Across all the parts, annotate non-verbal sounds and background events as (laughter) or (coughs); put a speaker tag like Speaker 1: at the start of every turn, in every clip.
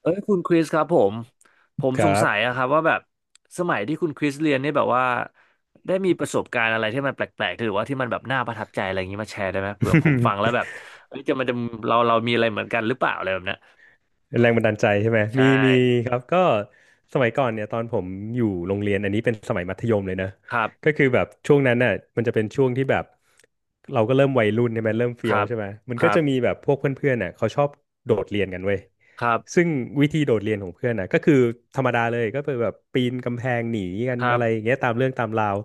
Speaker 1: เอ้ยคุณคริสครับผม
Speaker 2: ค
Speaker 1: สง
Speaker 2: รับ
Speaker 1: สัยอะครับว่าแบบสมัยที่คุณคริสเรียนเนี่ยแบบว่าได้มีประสบการณ์อะไรที่มันแปลกๆหรือว่าที่มันแบบน่าประทับใจอะไรอย่างนี้มาแชร์ได้ไหมเผื่อผมฟังแล้วแบ
Speaker 2: (laughs)
Speaker 1: บเอ้ยจะมันจะเรามีอะไรเหมือนกันหรือเปล่าอะไรแบบเนี้ย
Speaker 2: แรงบันดาลใจใช่ไหม
Speaker 1: ใช่
Speaker 2: มีครับก็สมัยก่อนเนี่ยตอนผมอยู่โรงเรียนอันนี้เป็นสมัยมัธยมเลยนะ
Speaker 1: ครั
Speaker 2: ก็
Speaker 1: บ
Speaker 2: คือแบบช่วงนั้นน่ะมันจะเป็นช่วงที่แบบเราก็เริ่มวัยรุ่นใช่ไหมเริ่ม
Speaker 1: ค
Speaker 2: เฟี้ย
Speaker 1: รั
Speaker 2: ว
Speaker 1: บ
Speaker 2: ใช่ไหมมัน
Speaker 1: ค
Speaker 2: ก็
Speaker 1: รั
Speaker 2: จะมี
Speaker 1: บ
Speaker 2: แบบพวกเพื่อนๆน่ะเขาชอบโดดเรียนกันเว้ย
Speaker 1: ครับ
Speaker 2: ซึ่งวิธีโดดเรียนของเพื่อนน่ะก็คือธรรมดาเลยก็เป็นแบบปีนกำแพงหนีกั
Speaker 1: ค
Speaker 2: น
Speaker 1: รั
Speaker 2: อะ
Speaker 1: บ
Speaker 2: ไรอย่างเงี้ยตามเรื่องตามราว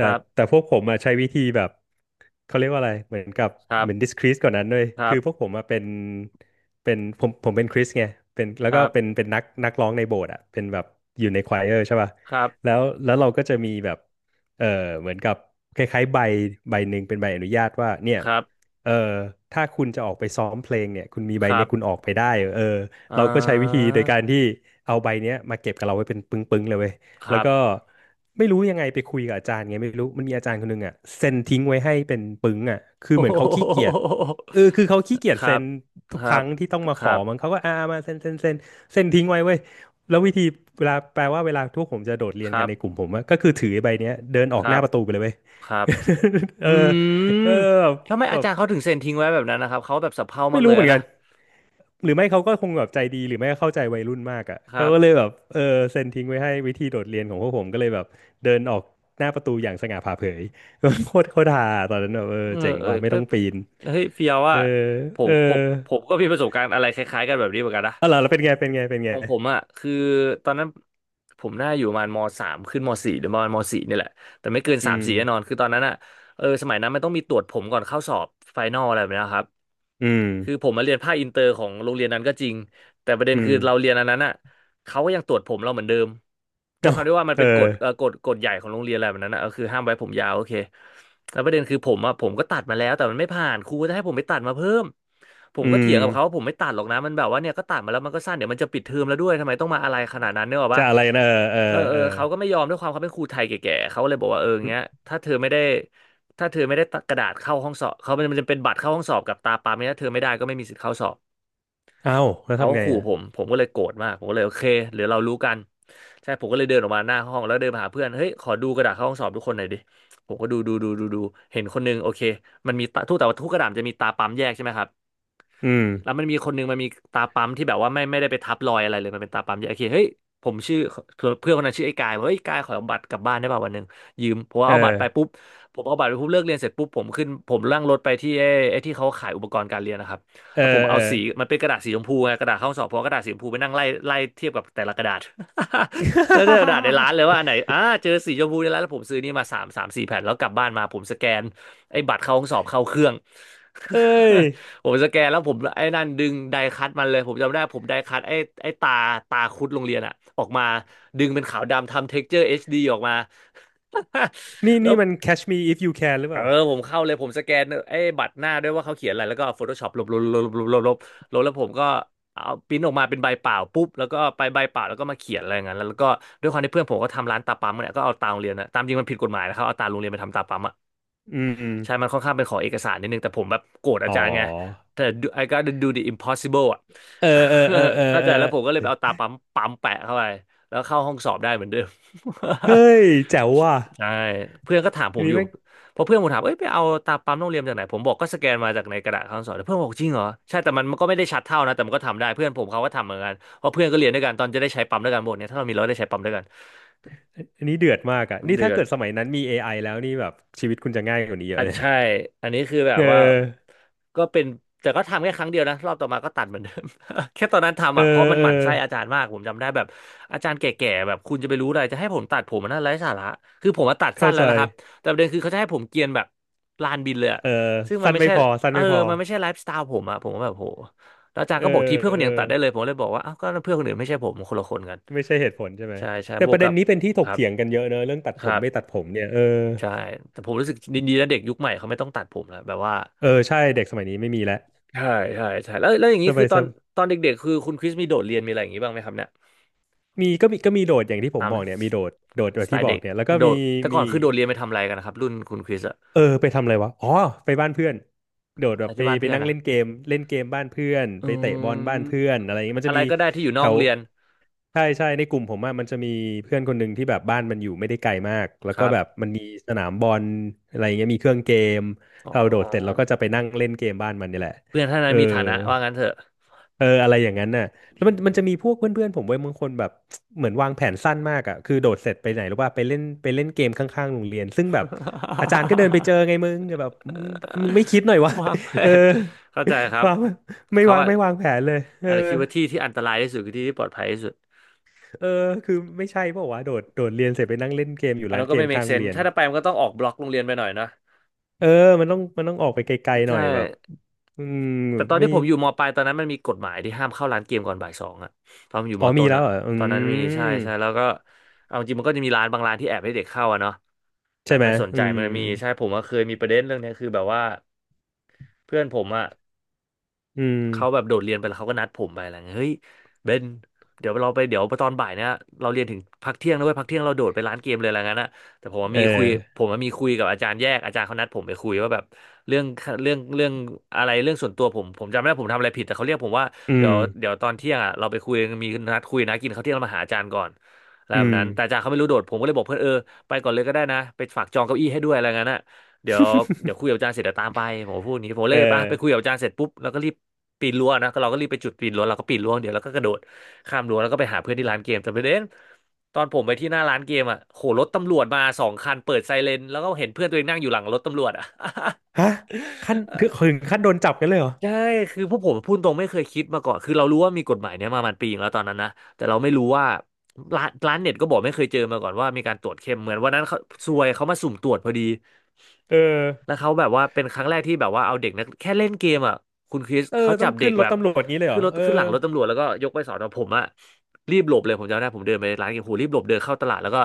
Speaker 1: ค
Speaker 2: ่
Speaker 1: รั
Speaker 2: แต่
Speaker 1: บ
Speaker 2: พวกผมอ่ะใช้วิธีแบบเขาเรียกว่าอะไรเหมือนกับ
Speaker 1: ครั
Speaker 2: เหมือน
Speaker 1: บ
Speaker 2: discreet กว่านั้นเลย
Speaker 1: ครั
Speaker 2: คือพวกผ
Speaker 1: บ
Speaker 2: มอ่ะเป็น เป็นผมเป็นคริสไงเป็นแล้ว
Speaker 1: ค
Speaker 2: ก็
Speaker 1: รั
Speaker 2: เป็น
Speaker 1: บ
Speaker 2: เป็นนักร้องในโบสถ์อ่ะเป็นแบบอยู่ในควายเออร์ใช่ป่ะ
Speaker 1: ครับ
Speaker 2: แล้วเราก็จะมีแบบเออเหมือนกับคล้ายๆใบใบหนึ่งเป็นใบอนุญาตว่าเนี่ย
Speaker 1: ครับ
Speaker 2: เออถ้าคุณจะออกไปซ้อมเพลงเนี่ยคุณมีใบ
Speaker 1: ครั
Speaker 2: เนี้ยคุณออ
Speaker 1: บ
Speaker 2: กไปได้เออ
Speaker 1: อ่
Speaker 2: เราก็ใช้วิธี
Speaker 1: า
Speaker 2: โดยการที่เอาใบเนี้ยมาเก็บกับเราไว้เป็นปึ้งๆเลยเว้ย
Speaker 1: ค
Speaker 2: แล้ว
Speaker 1: รับ
Speaker 2: ก็ไม่รู้ยังไงไปคุยกับอาจารย์ไงไม่รู้มันมีอาจารย์คนหนึงอ่ะเซ็นทิ้งไว้ให้เป็นปึ้งอ่ะคือ
Speaker 1: โอ้
Speaker 2: เหมือ
Speaker 1: โห
Speaker 2: นเขาขี้เกียจ เออคือเขาขี้เกียจ
Speaker 1: ครั
Speaker 2: เซ็
Speaker 1: บ
Speaker 2: นทุ
Speaker 1: ค
Speaker 2: กค
Speaker 1: รับ
Speaker 2: รั้งที่ต้องมา
Speaker 1: ค
Speaker 2: ข
Speaker 1: รั
Speaker 2: อ
Speaker 1: บ
Speaker 2: มั้งเขาก็มาเซ็นเซ็นทิ้งไว้เว้ยแล้ววิธีเวลาแปลว่าเวลาทุกผมจะโดดเรี
Speaker 1: ค
Speaker 2: ยน
Speaker 1: รั
Speaker 2: กัน
Speaker 1: บ
Speaker 2: ในกลุ่มผมอะก็คือถือไอ้ใบเนี้ยเดินอ
Speaker 1: ค
Speaker 2: อก
Speaker 1: รั
Speaker 2: หน้า
Speaker 1: บ
Speaker 2: ประตูไปเลยเว้ย
Speaker 1: ครับ
Speaker 2: (laughs) เอ
Speaker 1: อื
Speaker 2: อ
Speaker 1: ม
Speaker 2: เออ
Speaker 1: แล้วทำไม
Speaker 2: แบ
Speaker 1: อา
Speaker 2: บ
Speaker 1: จารย์เขาถึงเซ็นทิ้งไว้แบบนั้นนะครับ เขาแบบสะเพร่า
Speaker 2: ไม่
Speaker 1: มากเล
Speaker 2: รู้
Speaker 1: ย
Speaker 2: เหมือนกั
Speaker 1: นะ
Speaker 2: นหรือไม่เขาก็คงแบบใจดีหรือไม่ก็เข้าใจวัยรุ่นมากอะ
Speaker 1: ครั
Speaker 2: เขา
Speaker 1: บ
Speaker 2: ก็เลยแบบเซ็นทิ้งไว้ให้วิธีโดดเรียนของพวกผมก็เลยแบบเดินออกหน้าประตูอย่างสง่าผ่าเผย (laughs) โคตรฮาตอนนั้นแบบเออ
Speaker 1: เออ
Speaker 2: เจ๋ง
Speaker 1: เออ
Speaker 2: ว่ะไม่ต้อ
Speaker 1: เป๊ะ
Speaker 2: งปีน
Speaker 1: เฮ้ยเฟียว
Speaker 2: เอ
Speaker 1: อ่ะ
Speaker 2: อ
Speaker 1: ผ
Speaker 2: เอ
Speaker 1: ม
Speaker 2: อ
Speaker 1: ผมผมก็มีประสบการณ์อะไรคล้ายๆกันแบบนี้เหมือนกันนะ
Speaker 2: อ๋อเหรอแล้วเป็นไง
Speaker 1: ของผมอ่ะคือตอนนั้นผมน่าอยู่ประมาณมสามขึ้นมสี่หรือประมาณมสี่นี่แหละ แต่ไม่เกิน
Speaker 2: อื
Speaker 1: สาม
Speaker 2: ม
Speaker 1: สี่แน่นอน คือตอนนั้นอ่ะเออสมัยนั้นมันต้องมีตรวจผมก่อนเข้าสอบไฟนอลอะไรแบบนี้นะครับ
Speaker 2: อืม
Speaker 1: คือผมมาเรียนภาคอินเตอร์ของโรงเรียนนั้นก็จริงแต่ประเด็น
Speaker 2: อื
Speaker 1: คื
Speaker 2: ม
Speaker 1: อเราเรียนอันนั้นอ่ะ เขาก็ยังตรวจผมเราเหมือนเดิมด้วย
Speaker 2: เอ้า
Speaker 1: ความที่ว่ามัน
Speaker 2: เออ
Speaker 1: เป็นกฎเอ่อกฎกฎใหญ่ของโรงเรียนอะไรแบบนั้นนะก็คือห้ามไว้ผมยาวโอเคแล้วประเด็นคือผมอะผมก็ตัดมาแล้วแต่มันไม่ผ่านครูก็จะให้ผมไปตัดมาเพิ่มผม
Speaker 2: อื
Speaker 1: ก็เถียงกับเขาว่า
Speaker 2: ม
Speaker 1: ผมไม่ตัดหรอกนะมันแบบว่าเนี่ยก็ตัดมาแล้วมันก็สั้นเดี๋ยวมันจะปิดเทอมแล้วด้วยทำไมต้องมาอะไรขนาดนั้นเนี่ยหรอก
Speaker 2: จะ
Speaker 1: ปะ
Speaker 2: อะไรนะเออ
Speaker 1: เออเอ
Speaker 2: เอ
Speaker 1: อ
Speaker 2: อ
Speaker 1: เขาก็ไม่
Speaker 2: เอ
Speaker 1: ยอมด้วยความเขาเป็นครูไทยแก่ๆเขาเลยบอกว่าเอออย่าง
Speaker 2: อ
Speaker 1: เงี้ยถ้าเธอไม่ได้ถ้าเธอไม่ได้กระดาษเข้าห้องสอบเขามันจะเป็นบัตรเข้าห้องสอบกับตาปาไม่ถ้าเธอไม่ได้ก็ไม่มีสิทธิ์เข้าสอบ
Speaker 2: เอ้าแล้ว
Speaker 1: เขา
Speaker 2: ทำ
Speaker 1: ก็
Speaker 2: ไง
Speaker 1: ขู่
Speaker 2: อ่ะ
Speaker 1: ผมผมก็เลยโกรธมาก ผมก็เลยโอเคเดี๋ยวเรารู้กันใช่ผมก็เลยเดินออกมาหน้าห้องแล้วเดินไปหาเพื่อน เฮ้ย ขอดูกระดาษเข้าห้องสอบทุกคนหน่อยดิ ผมก็ดูดูดูดูดูเห็นคนนึงโอเค มันมีตาทุกแต่ว่าทุกกระดาษมันจะมีตาปั๊มแยกใช่ไหมครับ
Speaker 2: อืม
Speaker 1: แล้วมันมีคนหนึงมันมีตาปั๊มที่แบบว่าไม่ได้ไปทับรอยอะไรเลยมันเป็นตาปั๊มที่โอเคเฮ้ยผมชื่อเพื่อนคนนั้นชื่อไอ้กายบอกเฮ้ยกายขอเอาบัตรกลับบ้านได้ป่ะวันหนึ่งยืมผม
Speaker 2: เอ
Speaker 1: เอาบัตร
Speaker 2: อ
Speaker 1: ไปปุ๊บผมเอาบัตรไปปุ๊บเลิกเรียนเสร็จปุ๊บผมขึ้นผมนั่งรถไปที่ไอ้ที่เขาขายอุปกรณ์การเรียนนะครับ
Speaker 2: เออ
Speaker 1: แล้วผม
Speaker 2: เอ
Speaker 1: เอา
Speaker 2: อ
Speaker 1: สีมันเป็นกระดาษสีชมพูไงกระดาษข้อสอบเพราะกระดาษสีชมพูไปนั่งไล่ไล่เทียบกับแต่ละกระดาษ (laughs) แล้วแต่กระดาษในร้านเลยว่า
Speaker 2: (laughs)
Speaker 1: อันไหนอ่าเจอสีชมพูในร้านแล้วผมซื้อนี่มาสามสามสี่แผ่นแล้วกลับบ้านมาผมสแกนไอ้บัตรเข้าห้องสอบเข้าเครื่อง
Speaker 2: เอ้ย
Speaker 1: (laughs) ผมสแกนแล้วผมไอ้นั่นดึงไดคัตมันเลยผมจำได้ผมไดคัตไอ้ตาคุดโรงเรียนอะออกมาดึงเป็นขาวดำทำเท็กเจอร์เอชดีออกมา
Speaker 2: นี่
Speaker 1: (laughs) แล้ว
Speaker 2: นี่มัน Catch Me If You Can หรือ
Speaker 1: เอ
Speaker 2: เป
Speaker 1: อ
Speaker 2: ล่า
Speaker 1: ผมเข้าเลยผมสแกนไอ้บัตรหน้าด้วยว่าเขาเขียนอะไรแล้วก็ Photoshop ลบลบลบลบลบลบลบแล้วผมก็เอาพิมพ์ออกมาเป็นใบเปล่าปุ๊บแล้วก็ไปใบเปล่าแล้วก็มาเขียนอะไรอย่างนั้นแล้วก็ด้วยความที่เพื่อนผมก็ทำร้านตาปั๊มเนี่ยก็เอาตาโรงเรียนนะตามจริงมันผิดกฎหมายนะครับเอาตาโรงเรียนไปทำตาปั๊ม
Speaker 2: อืมอืม
Speaker 1: ใช่มันค่อนข้างเป็นขอเอกสารนิดนึง แต่ผมแบบโกรธอา
Speaker 2: อ๋อ
Speaker 1: จารย์ไงแต่ I gotta do the impossible อ่ะ
Speaker 2: เออเออเออเอ
Speaker 1: (laughs)
Speaker 2: อ
Speaker 1: เข้า
Speaker 2: เอ
Speaker 1: ใจแล้วผมก็
Speaker 2: อ
Speaker 1: เลยไปเอาตาปั๊มปั๊มแปะเข้าไปแล้วเข้าห้องสอบได้เหมือนเดิม (laughs)
Speaker 2: เฮ้ยแจ๋วว่ะ
Speaker 1: ใช่เพื่อนก็ถามผ
Speaker 2: อัน
Speaker 1: ม
Speaker 2: นี้
Speaker 1: อยู่
Speaker 2: แม่ง
Speaker 1: เพราะเพื่อนผมถามเอ้ยไปเอาตาปั๊มโรงเรียนจากไหนผมบอกก็สแกนมาจากในกระดาษข้างสอบแล้วเพื่อนบอกจริงเหรอ ใช่แต่มันมันก็ไม่ได้ชัดเท่านะแต่มันก็ทำได้เพื่อนผมเขาก็ทำเหมือนกันเพราะเพื่อนก็เรียนด้วยกันตอนจะได้ใช้ปั๊มด้วยกันหมดเนี่ยถ้าเรามีเราได้ใช้ปั๊มด้วยกัน
Speaker 2: อันนี้เดือดมากอ่ะนี่
Speaker 1: เดื
Speaker 2: ถ้า
Speaker 1: อด
Speaker 2: เกิดสมัยนั้นมี AI แล้วนี่แบบชีวิตคุณจะง่ายกว่านี้เย
Speaker 1: อ่ะ
Speaker 2: อะเลย (laughs)
Speaker 1: ใช่อันนี้คือแบ
Speaker 2: เ
Speaker 1: บว่า
Speaker 2: ออ
Speaker 1: ก็เป็นแต่ก็ทำแค่ครั้งเดียวนะรอบต่อมาก็ตัดเหมือนเดิม (laughs) แค่ตอนนั้น
Speaker 2: เอ
Speaker 1: ทำ
Speaker 2: อ
Speaker 1: อ่ะเพราะมัน
Speaker 2: เอ
Speaker 1: ห
Speaker 2: อ
Speaker 1: มั่นไส้อาจารย์มากผมจำได้แบบอาจารย์แก่ๆแบบคุณจะไปรู้อะไรจะให้ผมตัดผมมันน่าไร้สาระคือผมมาตัดสั้
Speaker 2: เข้า
Speaker 1: นแล้
Speaker 2: ใจ
Speaker 1: วนะครับแต่ประเด็นคือเขาจะให้ผมเกรียนแบบลานบินเลยอะ
Speaker 2: เออ
Speaker 1: ซึ่งมัน
Speaker 2: สั้น
Speaker 1: ไม่
Speaker 2: ไม่
Speaker 1: ใช่
Speaker 2: พอสั้น
Speaker 1: เออ
Speaker 2: ไม่พอ
Speaker 1: มันไม่ใช่ไลฟ์สไตล์ผมอ่ะผมก็แบบโหแล้วอาจารย์
Speaker 2: เออ
Speaker 1: ก็บอกทีเพื่อนค
Speaker 2: เอ
Speaker 1: น
Speaker 2: อ
Speaker 1: อื่นยังตัดได้เลยผมเลยบอกว่าอ้าวก็เพื่อนคนอื่นไม่ใช่ผมคนละคนกัน
Speaker 2: ไม่ใช่เหตุผลใช่ไหม
Speaker 1: ใช่ใช่
Speaker 2: แต่
Speaker 1: บ
Speaker 2: ป
Speaker 1: วก
Speaker 2: ระเด็
Speaker 1: กั
Speaker 2: น
Speaker 1: บ
Speaker 2: นี้เป็นที่ถ
Speaker 1: ค
Speaker 2: ก
Speaker 1: รับ
Speaker 2: เถียงกันเยอะเนอะเรื่องตัด
Speaker 1: ค
Speaker 2: ผ
Speaker 1: รั
Speaker 2: มไม่ตั
Speaker 1: บ
Speaker 2: ดผมเนี่ยเออ
Speaker 1: ใช่แต่ผมรู้สึกดีๆนะเด็กยุคใหม่เขาไม่ต้องตัดผมแล้วแบบว่า
Speaker 2: เออใช่เด็กสมัยนี้ไม่มีแล้ว
Speaker 1: ใช่ใช่ใช่แล้วอย่าง
Speaker 2: ส
Speaker 1: นี้คื
Speaker 2: มั
Speaker 1: อ
Speaker 2: ย
Speaker 1: ต
Speaker 2: ส
Speaker 1: อน
Speaker 2: ม
Speaker 1: ตอนเด็กๆคือคุณคริสมีโดดเรียนมีอะไรอย่างนี้บ้างไหมครับเนี่ย
Speaker 2: มีโดดอย่างที่ผม
Speaker 1: ตา
Speaker 2: บ
Speaker 1: ม
Speaker 2: อกเนี่ยมีโดดโดดแบ
Speaker 1: ส
Speaker 2: บ
Speaker 1: ไต
Speaker 2: ที่
Speaker 1: ล์
Speaker 2: บอ
Speaker 1: เด็
Speaker 2: ก
Speaker 1: ก
Speaker 2: เนี่ยแล้วก็
Speaker 1: โด
Speaker 2: มี
Speaker 1: ดแต่ก่
Speaker 2: มี
Speaker 1: อนคือโดดเรียนไปทำอะไรกันนะครับรุ่นคุณคริสอะ
Speaker 2: เออไปทำอะไรวะอ๋อไปบ้านเพื่อนโดด
Speaker 1: อะ
Speaker 2: แบ
Speaker 1: ไร
Speaker 2: บไป
Speaker 1: ที่บ้านเพื่อน
Speaker 2: นั่ง
Speaker 1: นะ
Speaker 2: เล่นเกมเล่นเกมบ้านเพื่อน
Speaker 1: อื
Speaker 2: ไปเตะบอลบ้าน
Speaker 1: ม
Speaker 2: เพื่อนอะไรอย่างงี้มัน
Speaker 1: อะ
Speaker 2: จะ
Speaker 1: ไร
Speaker 2: มี
Speaker 1: ก็ได้ที่อยู่น
Speaker 2: แถ
Speaker 1: อกโร
Speaker 2: ว
Speaker 1: งเรียน
Speaker 2: ใช่ใช่ในกลุ่มผมอะมันจะมีเพื่อนคนหนึ่งที่แบบบ้านมันอยู่ไม่ได้ไกลมากแล้
Speaker 1: ค
Speaker 2: วก็
Speaker 1: รั
Speaker 2: แบบ
Speaker 1: บ
Speaker 2: มันมีสนามบอลอะไรอย่างเงี้ยมีเครื่องเกม
Speaker 1: อ๋อ
Speaker 2: เรา
Speaker 1: อ๋อ
Speaker 2: โดดเสร็จเราก็จะไปนั่งเล่นเกมบ้านมันนี่แหละ
Speaker 1: เพื่อนท่าน
Speaker 2: เอ
Speaker 1: นั้น
Speaker 2: อ
Speaker 1: มีฐานะว่างั้นเถอะ
Speaker 2: เอออะไรอย่างนั้นน่ะ แล้
Speaker 1: อื
Speaker 2: วมัน
Speaker 1: ม
Speaker 2: จะมีพวกเพื่อนๆผมเว้ยบางคนแบบ (tsk) เหมือนวางแผนสั้นมากอ่ะคือโดดเสร็จไปไหนหรือว่าไปเล่นเกมข้างๆโรงเรียนซึ่งแบบอาจารย์ก็เดินไปเจอไงมึงแบบมึงมึงไม่คิดหน่อยวะ
Speaker 1: (laughs) วางแผ
Speaker 2: (laughs) เออ
Speaker 1: นเข้าใจครั
Speaker 2: (laughs)
Speaker 1: บ
Speaker 2: วาง
Speaker 1: เขาอะ
Speaker 2: ไม่วางแผนเลยเออ
Speaker 1: อาจจะคิดว่าที่ที่อันตรายที่สุดคือที่ที่ปลอดภัยที่สุด
Speaker 2: เออคือไม่ใช่เปล่าวะโดดเรียนเสร็จไปนั่งเล่นเกมอยู่
Speaker 1: อัน
Speaker 2: ร้า
Speaker 1: นั้
Speaker 2: น
Speaker 1: นก็
Speaker 2: เก
Speaker 1: ไม่
Speaker 2: มข้า
Speaker 1: make
Speaker 2: งโรง
Speaker 1: sense
Speaker 2: เรียน
Speaker 1: ถ้าจะไปมันก็ต้องออกบล็อกโรงเรียนไปหน่อยเนอะ
Speaker 2: เออมันต้องออกไปไกลๆหน่
Speaker 1: ใช่
Speaker 2: อยแบบอืม
Speaker 1: แต่ตอน
Speaker 2: ไม่
Speaker 1: ที่ผมอยู่มปลายตอนนั้นมันมีกฎหมายที่ห้ามเข้าร้านเกมก่อนบ่ายสองอะตอนผมอยู่
Speaker 2: อ๋
Speaker 1: ม
Speaker 2: อมี
Speaker 1: ต้น
Speaker 2: แล้ว
Speaker 1: อะ
Speaker 2: เหรออื
Speaker 1: ตอนนั้นมีใช่
Speaker 2: ม
Speaker 1: ใช่แล้วก็เอาจริงมันก็จะมีร้านบางร้านที่แอบให้เด็กเข้าอะเนาะแบ
Speaker 2: ใช่
Speaker 1: บ
Speaker 2: ไหม
Speaker 1: ไม่สน
Speaker 2: อื
Speaker 1: ใจ
Speaker 2: ม
Speaker 1: มันมีใช่ผมก็เคยมีประเด็นเรื่องเนี้ยคือแบบว่าเพื่อนผมอะ
Speaker 2: อืม
Speaker 1: เขาแบบโดดเรียนไปแล้วเขาก็นัดผมไปอะไรเงี้ยเฮ้ยเบนเดี๋ยวเราไปเดี๋ยวตอนบ่ายเนี่ยเราเรียนถึงพักเที่ยงนะเว้ยพักเที่ยงเราโดดไปร้านเกมเลยอะไรเงี้ยนะแต่ผมว่า
Speaker 2: เอ
Speaker 1: มีคุย
Speaker 2: อ
Speaker 1: ผมว่ามีคุยกับอาจารย์แยกอาจารย์เขานัดผมไปคุยว่าแบบเรื่องเรื่องอะไรเรื่องส่วนตัวผมผมจำไม่ได้ผมทำอะไรผิดแต่เขาเรียกผมว่า
Speaker 2: อื
Speaker 1: เดี๋ย
Speaker 2: ม
Speaker 1: วเดี๋ยวตอนเที่ยงอ่ะเราไปคุยมีนัดคุยนะกินข้าวเที่ยงแล้วมาหาอาจารย์ก่อนอะไร
Speaker 2: อื
Speaker 1: แบบ
Speaker 2: ม
Speaker 1: นั้นแต่อาจารย์เขาไม่รู้โดดผมก็เลยบอกเพื่อนเออไปก่อนเลยก็ได้นะไปฝากจองเก้าอี้ให้ด้วยอะไรเงี้ยนะ เดี๋ยวเดี๋ยวคุยกั
Speaker 2: (laughs)
Speaker 1: บอาจารย์เสร็จเดี๋ยวตามไปผมพูดอย่างนี้ผมเล
Speaker 2: เอ
Speaker 1: ยไป
Speaker 2: อ
Speaker 1: ไปคุยกับอาจารย์เสร็จปุ๊บแล้วก็รีบปีนรั้วนะก็เราก็รีบไปจุดปีนรั้วเราก็ปีนรั้วเดี๋ยวเราก็กระโดดข้ามรั้วแล้วก็ไปหาเพื่อนที่ร้านเกมแต่ประเด็นตอนผมไปที่หน้าร้านเกมอ่ะโหรถตำรวจมา2 คันเปิดไซเรนแล้วก็เห็นเพื่อนตัวเองนั่งอยู่หลังรถตำรวจอ่ะ (laughs)
Speaker 2: ฮะขั้นถึงถึงขั้นโดนจับกันเลยเหรอ
Speaker 1: ใช่คือพวกผมพูดตรงไม่เคยคิดมาก่อนคือเรารู้ว่ามีกฎหมายเนี้ยมามันปีนึงแล้วตอนนั้นนะแต่เราไม่รู้ว่าร้านเน็ตก็บอกไม่เคยเจอมาก่อนว่ามีการตรวจเข้มเหมือนวันนั้นเขาซวยเขามาสุ่มตรวจพอดี
Speaker 2: เออ
Speaker 1: แล้วเขาแบบว่าเป็นครั้งแรกที่แบบว่าเอาเด็กนักแค่เล่นเกมอ่ะคุณคริส
Speaker 2: เออ
Speaker 1: เขา
Speaker 2: ต้
Speaker 1: จั
Speaker 2: อง
Speaker 1: บเด็
Speaker 2: ขึ้
Speaker 1: ก
Speaker 2: นร
Speaker 1: แบ
Speaker 2: ถ
Speaker 1: บ
Speaker 2: ตำรวจงี้เลยเหร
Speaker 1: ขึ้น
Speaker 2: อ
Speaker 1: รถ
Speaker 2: เออ
Speaker 1: ขึ้นหลังรถตำรวจแล้วก็ยกไปสอนอผมอ่ะรีบหลบเลยผมจำได้ผมเดินไปร้านเกมโหรีบหลบเดินเข้าตลาดแล้วก็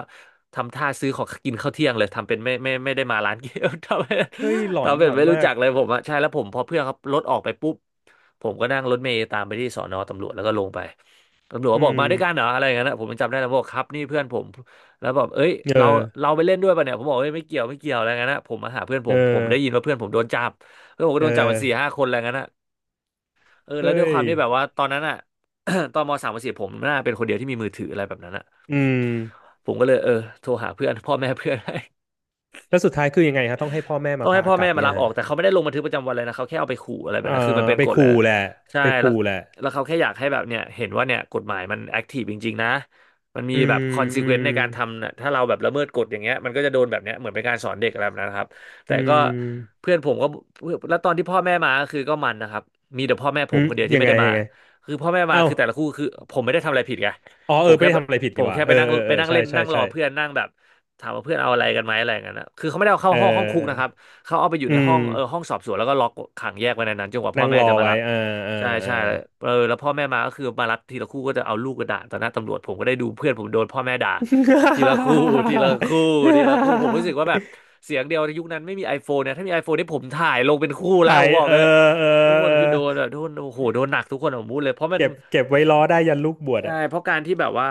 Speaker 1: ทำท่าซื้อของกินข้าวเที่ยงเลยทำเป็นไม่ได้มาร้านเกม (laughs) ทำเป็น
Speaker 2: เฮ้ยหลอน
Speaker 1: ทำเป็
Speaker 2: หล
Speaker 1: น
Speaker 2: อน
Speaker 1: ไม่รู้
Speaker 2: มา
Speaker 1: จั
Speaker 2: ก
Speaker 1: กเลยผมอ่ะใช่แล้วผมพอเพื่อนเขารถออกไปปุ๊บ ผมก็นั่งรถเมล์ตามไปที่สอนอตำรวจแล้วก็ลงไปตำรวจ
Speaker 2: อื
Speaker 1: ก็บอกมาด้วยกันเห
Speaker 2: ม
Speaker 1: รออะไรอย่างนั้นนะผมยังจำได้แล้วบอกครับนี่เพื่อนผมแล้วบอกเอ้ย
Speaker 2: เอ
Speaker 1: เรา
Speaker 2: อ
Speaker 1: เราไปเล่นด้วยป่ะเนี่ยผมบอกเอ้ยไม่เกี่ยวไม่เกี่ยวอะไรอย่างนั้นนะผมมาหาเพื่อนผ
Speaker 2: เออ
Speaker 1: มผมได้ยินว่าเพื่อนผมโดนจับเพื่อนผมก็
Speaker 2: เออ
Speaker 1: โดนจับมา4-5 คนอะไรอย่างนั้นนะเออแล้วด้ว
Speaker 2: เฮ้
Speaker 1: ยค
Speaker 2: ย
Speaker 1: วามที่แบบว่าตอนนั้นอ่ะ (coughs) ตอนม.3ม.4ผมน่าเป็นคนเดียวที่มีมือถืออะไรแบบนั้นอ่ะ
Speaker 2: อืม
Speaker 1: ผมก็เลยเออโทรหาเพื่อนพ่อแม่เพื่อน (laughs) ให้
Speaker 2: แล้วสุดท้ายคือยังไงฮะต้องให้พ่อแม่
Speaker 1: ต้
Speaker 2: มา
Speaker 1: องให้
Speaker 2: พา
Speaker 1: พ่อ
Speaker 2: กลั
Speaker 1: แม่
Speaker 2: บ
Speaker 1: มา
Speaker 2: เนี่
Speaker 1: รั
Speaker 2: ย
Speaker 1: บออ
Speaker 2: ฮะ
Speaker 1: กแต่เขาไม่ได้ลงบันทึกประจำวันเลยนะเขาแค่เอาไปขู่อะไรแบ
Speaker 2: เอ
Speaker 1: บนั้นคือมัน
Speaker 2: อ
Speaker 1: เป็น
Speaker 2: ไป
Speaker 1: กฎแล้ว
Speaker 2: ขู่แหละ
Speaker 1: ใช่
Speaker 2: ไป
Speaker 1: แล้ว
Speaker 2: ขู่แหละ
Speaker 1: แล้วเขาแค่อยากให้แบบเนี่ยเห็นว่าเนี่ยกฎหมายมันแอคทีฟจริงๆนะมันมี
Speaker 2: อื
Speaker 1: แบบคอ
Speaker 2: ม
Speaker 1: นซ e
Speaker 2: อื
Speaker 1: เคว
Speaker 2: ม
Speaker 1: นซ์ในการทำนะถ้าเราแบบละเมิดกฎอย่างเงี้ยมันก็จะโดนแบบเนี้ยเหมือนเป็นการสอนเด็กอะไรแบบนั้นครับแต่
Speaker 2: อื
Speaker 1: ก็
Speaker 2: ม
Speaker 1: เพื่อนผมก็แล้วตอนที่พ่อแม่มาก็คือก็มันนะครับมีแต่พ่อแม่ผ
Speaker 2: อื
Speaker 1: ม
Speaker 2: ม
Speaker 1: คนเดียวที่
Speaker 2: ยัง
Speaker 1: ไม่
Speaker 2: ไง
Speaker 1: ได้มา
Speaker 2: ยังไง
Speaker 1: คือพ่อแม่มา
Speaker 2: เอ้า
Speaker 1: คือแต่ละคู่คือผมไม่ได้ทำอะไรผิดไง
Speaker 2: อ๋อ
Speaker 1: ผ
Speaker 2: เออ
Speaker 1: ม
Speaker 2: ไม่
Speaker 1: แค่
Speaker 2: ได้
Speaker 1: แบบ
Speaker 2: ทำอะไรผิด
Speaker 1: ผ
Speaker 2: นี่
Speaker 1: ม
Speaker 2: หว่า
Speaker 1: แค่
Speaker 2: เอ
Speaker 1: ไป
Speaker 2: อ
Speaker 1: นั่ง
Speaker 2: เออ
Speaker 1: ไป
Speaker 2: เออ
Speaker 1: นั่ง
Speaker 2: ใช่
Speaker 1: เล่น
Speaker 2: ใช่
Speaker 1: นั่งรอ
Speaker 2: ใช่
Speaker 1: เพื่อนนั่งแบบถามว่าเพื่อนเอาอะไรกันไหมอะไรกันนะคือเขาไม่ได้เอาเข้า
Speaker 2: เออ
Speaker 1: ห้องคุก
Speaker 2: เอ
Speaker 1: นะครับ
Speaker 2: อ
Speaker 1: เขาเอาไปอยู่
Speaker 2: อื
Speaker 1: ในห้อ
Speaker 2: ม
Speaker 1: งเออห้องสอบสวนแล้วก็ล็อกขังแยกไว้ในนั้นจนกว่าพ่อ
Speaker 2: นั่ง
Speaker 1: แม่
Speaker 2: รอ
Speaker 1: จะมา
Speaker 2: ไว้
Speaker 1: รับ
Speaker 2: อ่าอ่า
Speaker 1: ใช่
Speaker 2: อ่า
Speaker 1: ใช่เออแล้วพ่อแม่มาก็คือมารับทีละคู่ก็จะเอาลูกกระด่าต่อหน้าตำรวจผมก็ได้ดูเพื่อนผมโดนพ่อแม่ด่าทีละคู่ทีละคู่ทีละคู่ผมรู้สึกว่าแบบ
Speaker 2: (laughs)
Speaker 1: เสียงเดียวในยุคนั้นไม่มี iPhone เนี่ยถ้ามี iPhone นี่ผมถ่ายลงเป็นคู่แล้ว
Speaker 2: ถ่า
Speaker 1: ผ
Speaker 2: ย
Speaker 1: มบอก
Speaker 2: เออ
Speaker 1: เลย
Speaker 2: เออ
Speaker 1: ทุกค
Speaker 2: เอ
Speaker 1: น
Speaker 2: อ
Speaker 1: คือโดนแบบโดนโอ้โหโดนหนักทุกคนผมพูดเลยเพราะมัน
Speaker 2: เก็บไว้ล้อได้ยันลูกบวช
Speaker 1: ใช่
Speaker 2: อะ
Speaker 1: เพราะการที่แบบว่า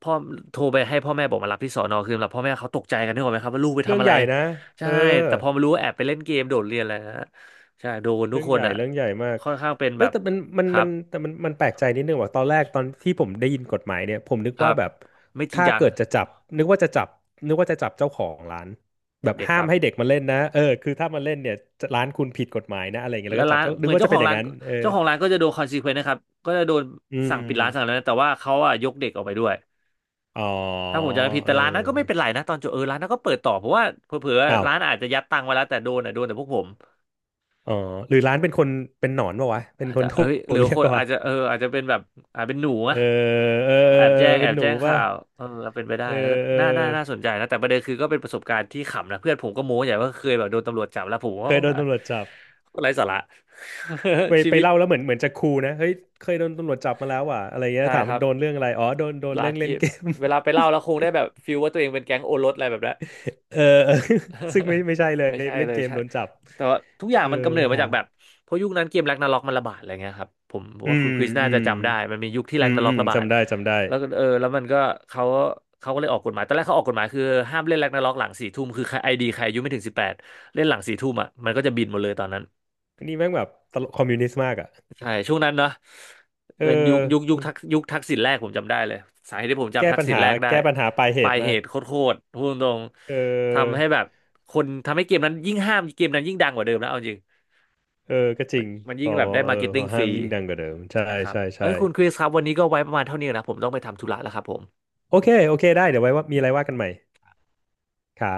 Speaker 1: พ่อโทรไปให้พ่อแม่บอกมารับที่สอนอคือสำหรับพ่อแม่เขาตกใจกันนึกออกไหมครับว่าลูกไป
Speaker 2: เรื่อ
Speaker 1: ทำ
Speaker 2: ง
Speaker 1: อะไร
Speaker 2: ใหญ่นะ
Speaker 1: ใช่
Speaker 2: เออ
Speaker 1: แต่พอมารู้ว่าแอบไปเล่นเกมโดดเรียนอะไรนะฮะใช่โดนทุ
Speaker 2: เรื่
Speaker 1: ก
Speaker 2: อง
Speaker 1: ค
Speaker 2: ให
Speaker 1: น
Speaker 2: ญ่
Speaker 1: อ่ะ
Speaker 2: เรื่องใหญ่มาก
Speaker 1: ค่อนข้างเป็นแบ
Speaker 2: ไม่
Speaker 1: บ
Speaker 2: แต่มันมัน
Speaker 1: ครั
Speaker 2: มั
Speaker 1: บ
Speaker 2: นแต่มันแปลกใจนิดนึงว่าตอนแรกตอนที่ผมได้ยินกฎหมายเนี่ยผมนึก
Speaker 1: ครั
Speaker 2: ว่า
Speaker 1: บ
Speaker 2: แบบ
Speaker 1: ไม่จริง
Speaker 2: ถ้า
Speaker 1: จัง
Speaker 2: เกิดจะจับนึกว่าจะจับนึกว่าจะจับเจ้าของร้านแบ
Speaker 1: กับ
Speaker 2: บ
Speaker 1: เด็ก
Speaker 2: ห้า
Speaker 1: ค
Speaker 2: ม
Speaker 1: รับ
Speaker 2: ให้เด็กมาเล่นนะเออคือถ้ามาเล่นเนี่ยร้านคุณผิดกฎหมายนะอะไรเงี้ย
Speaker 1: แล้
Speaker 2: แล้ว
Speaker 1: ว
Speaker 2: ก็จั
Speaker 1: ร้า
Speaker 2: บ
Speaker 1: น
Speaker 2: เจ้า
Speaker 1: เห
Speaker 2: นึ
Speaker 1: มื
Speaker 2: ก
Speaker 1: อน
Speaker 2: ว่า
Speaker 1: เจ้า
Speaker 2: จะ
Speaker 1: ข
Speaker 2: เป็
Speaker 1: อ
Speaker 2: น
Speaker 1: ง
Speaker 2: อย่าง
Speaker 1: ร้าน
Speaker 2: นั้นเออ
Speaker 1: เจ้าของร้านก็จะโดนคอนซีเควนต์นะครับก็จะโดน
Speaker 2: อื
Speaker 1: สั่
Speaker 2: ม
Speaker 1: งปิดร้านสั่งอะไรนะแต่ว่าเขาอ่ะยกเด็กออกไปด้วย
Speaker 2: อ๋อ
Speaker 1: ถ้าผมจำไม่ผิด
Speaker 2: เอ
Speaker 1: แต่ร้านนั้นก็ไม่เป็
Speaker 2: อ
Speaker 1: นไรนะตอนจบเออร้านนั้นก็เปิดต่อเพราะว่าเผลอ
Speaker 2: อ้า
Speaker 1: ๆ
Speaker 2: ว
Speaker 1: ร้านอาจจะยัดตังค์ไว้แล้วแต่โดนอ่ะโดนแต่พวกผม
Speaker 2: อ๋อหรือร้านเป็นคนเป็นหนอนปะวะเป็น
Speaker 1: อาจ
Speaker 2: ค
Speaker 1: จะ
Speaker 2: นโทร
Speaker 1: เอ้ยหรือ
Speaker 2: เรีย
Speaker 1: ค
Speaker 2: ก
Speaker 1: น
Speaker 2: ปะ
Speaker 1: อา
Speaker 2: วะ
Speaker 1: จจะเอออาจจะเป็นแบบอาจเป็นหนู
Speaker 2: เอ
Speaker 1: อะ
Speaker 2: อเออเออ
Speaker 1: แอบ
Speaker 2: เออ
Speaker 1: แจ้งแอ
Speaker 2: เป็น
Speaker 1: บ
Speaker 2: หนู
Speaker 1: แจ้ง
Speaker 2: ปะ
Speaker 1: ข่าวเออเป็นไปได้
Speaker 2: เอ
Speaker 1: แล้วก็
Speaker 2: อเออ
Speaker 1: น่าสนใจนะแต่ประเด็นคือก็เป็นประสบการณ์ที่ขำนะเพื่อนผมก็โม้ใหญ่ว่าเคยแบบโดนตำรวจจับแล้วผม
Speaker 2: เค
Speaker 1: ว่า
Speaker 2: ย
Speaker 1: โอ้
Speaker 2: โดนตำรวจจับ
Speaker 1: อะไร้สาระ
Speaker 2: ไป
Speaker 1: (laughs) ชีวิต
Speaker 2: เล่าแล้วเหมือนจะคูลนะเฮ้ยเคยโดนตำรวจจับมาแล้วว่ะอะไรเงี้ย
Speaker 1: ใช่
Speaker 2: ถาม
Speaker 1: ค
Speaker 2: มั
Speaker 1: รั
Speaker 2: น
Speaker 1: บ
Speaker 2: โดนเรื่องอะไรอ๋อโดน
Speaker 1: ร้า
Speaker 2: เรื่อ
Speaker 1: น
Speaker 2: ง
Speaker 1: เก
Speaker 2: เล่น
Speaker 1: ม
Speaker 2: เกม
Speaker 1: เวลาไปเล่าแล้วคงได้แบบฟีลว่าตัวเองเป็นแก๊งโอรสอะไรแบบนั้น
Speaker 2: (laughs) เออเออ (laughs) ซึ่งไม่ไม่ใช่เล
Speaker 1: (laughs)
Speaker 2: ย
Speaker 1: ไม่ใช่
Speaker 2: ไปเล่
Speaker 1: เล
Speaker 2: น
Speaker 1: ย
Speaker 2: เกม
Speaker 1: ใช่
Speaker 2: โดนจับ
Speaker 1: แต่ว่าทุกอย่าง
Speaker 2: เออ
Speaker 1: มันกำเนิดมา
Speaker 2: ฮะ
Speaker 1: จากแบบเพราะยุคนั้นเกมแร็กนาร็อกมันระบาดอะไรเงี้ยครับผมผม
Speaker 2: อื
Speaker 1: ว่าคุ
Speaker 2: ม
Speaker 1: ณคริสน่า
Speaker 2: อื
Speaker 1: จะ
Speaker 2: ม
Speaker 1: จำได้มันมียุคที่
Speaker 2: อื
Speaker 1: แร็ก
Speaker 2: ม
Speaker 1: นาร็
Speaker 2: อื
Speaker 1: อก
Speaker 2: ม
Speaker 1: ระบาด
Speaker 2: จำได้จำได้
Speaker 1: แล้วก็เออแล้วมันก็เขาเขาก็เลยออกกฎหมายตอนแรกเขาออกกฎหมายคือห้ามเล่นแร็กนาร็อกหลังสี่ทุ่มคือใครไอดีใครอายุไม่ถึง18เล่นหลังสี่ทุ่มอ่ะมันก็จะบินหมดเลยตอนนั้น
Speaker 2: อันนี้แม่งแบบตลกคอมมิวนิสต์มากอ่ะ
Speaker 1: ใช่ช่วงนั้นเนาะ
Speaker 2: เอ
Speaker 1: เป็น
Speaker 2: อ
Speaker 1: ยุคทักษิณแรกผมจำได้เลยสาเหตุที่ผม
Speaker 2: แก้
Speaker 1: จำทัก
Speaker 2: ปัญ
Speaker 1: ษิณ
Speaker 2: หา
Speaker 1: แรกได้
Speaker 2: ปลายเห
Speaker 1: ปลา
Speaker 2: ตุ
Speaker 1: ยเห
Speaker 2: มาก
Speaker 1: ตุโคตรๆพูดตรง
Speaker 2: เอ
Speaker 1: ๆ
Speaker 2: อ
Speaker 1: ทำให้แบบคนทำให้เกมนั้นยิ่งห้ามเกมนั้นยิ่งดังกว่าเดิมแล้วเอาจริง
Speaker 2: เออ ก็จ
Speaker 1: มั
Speaker 2: ริ
Speaker 1: น
Speaker 2: ง
Speaker 1: มัน
Speaker 2: พ
Speaker 1: ยิ่ง
Speaker 2: อ
Speaker 1: แบบได้
Speaker 2: เอ
Speaker 1: มา
Speaker 2: อ
Speaker 1: ร์เก็ต
Speaker 2: พ
Speaker 1: ติ้ง
Speaker 2: อ
Speaker 1: ฟ
Speaker 2: ห้าม
Speaker 1: รี
Speaker 2: ยิ่งดังกว่าเดิม ใช่
Speaker 1: ใช่ครับ
Speaker 2: ใช่
Speaker 1: เอ้
Speaker 2: ใช่
Speaker 1: ยคุณคริสครับวันนี้ก็ไว้ประมาณเท่านี้นะผมต้องไปทำธุระแล้วครับผม
Speaker 2: โอเค โอเค ได้ เดี๋ยวไว้ว่ามีอะไรว่ากันใหม่ครับ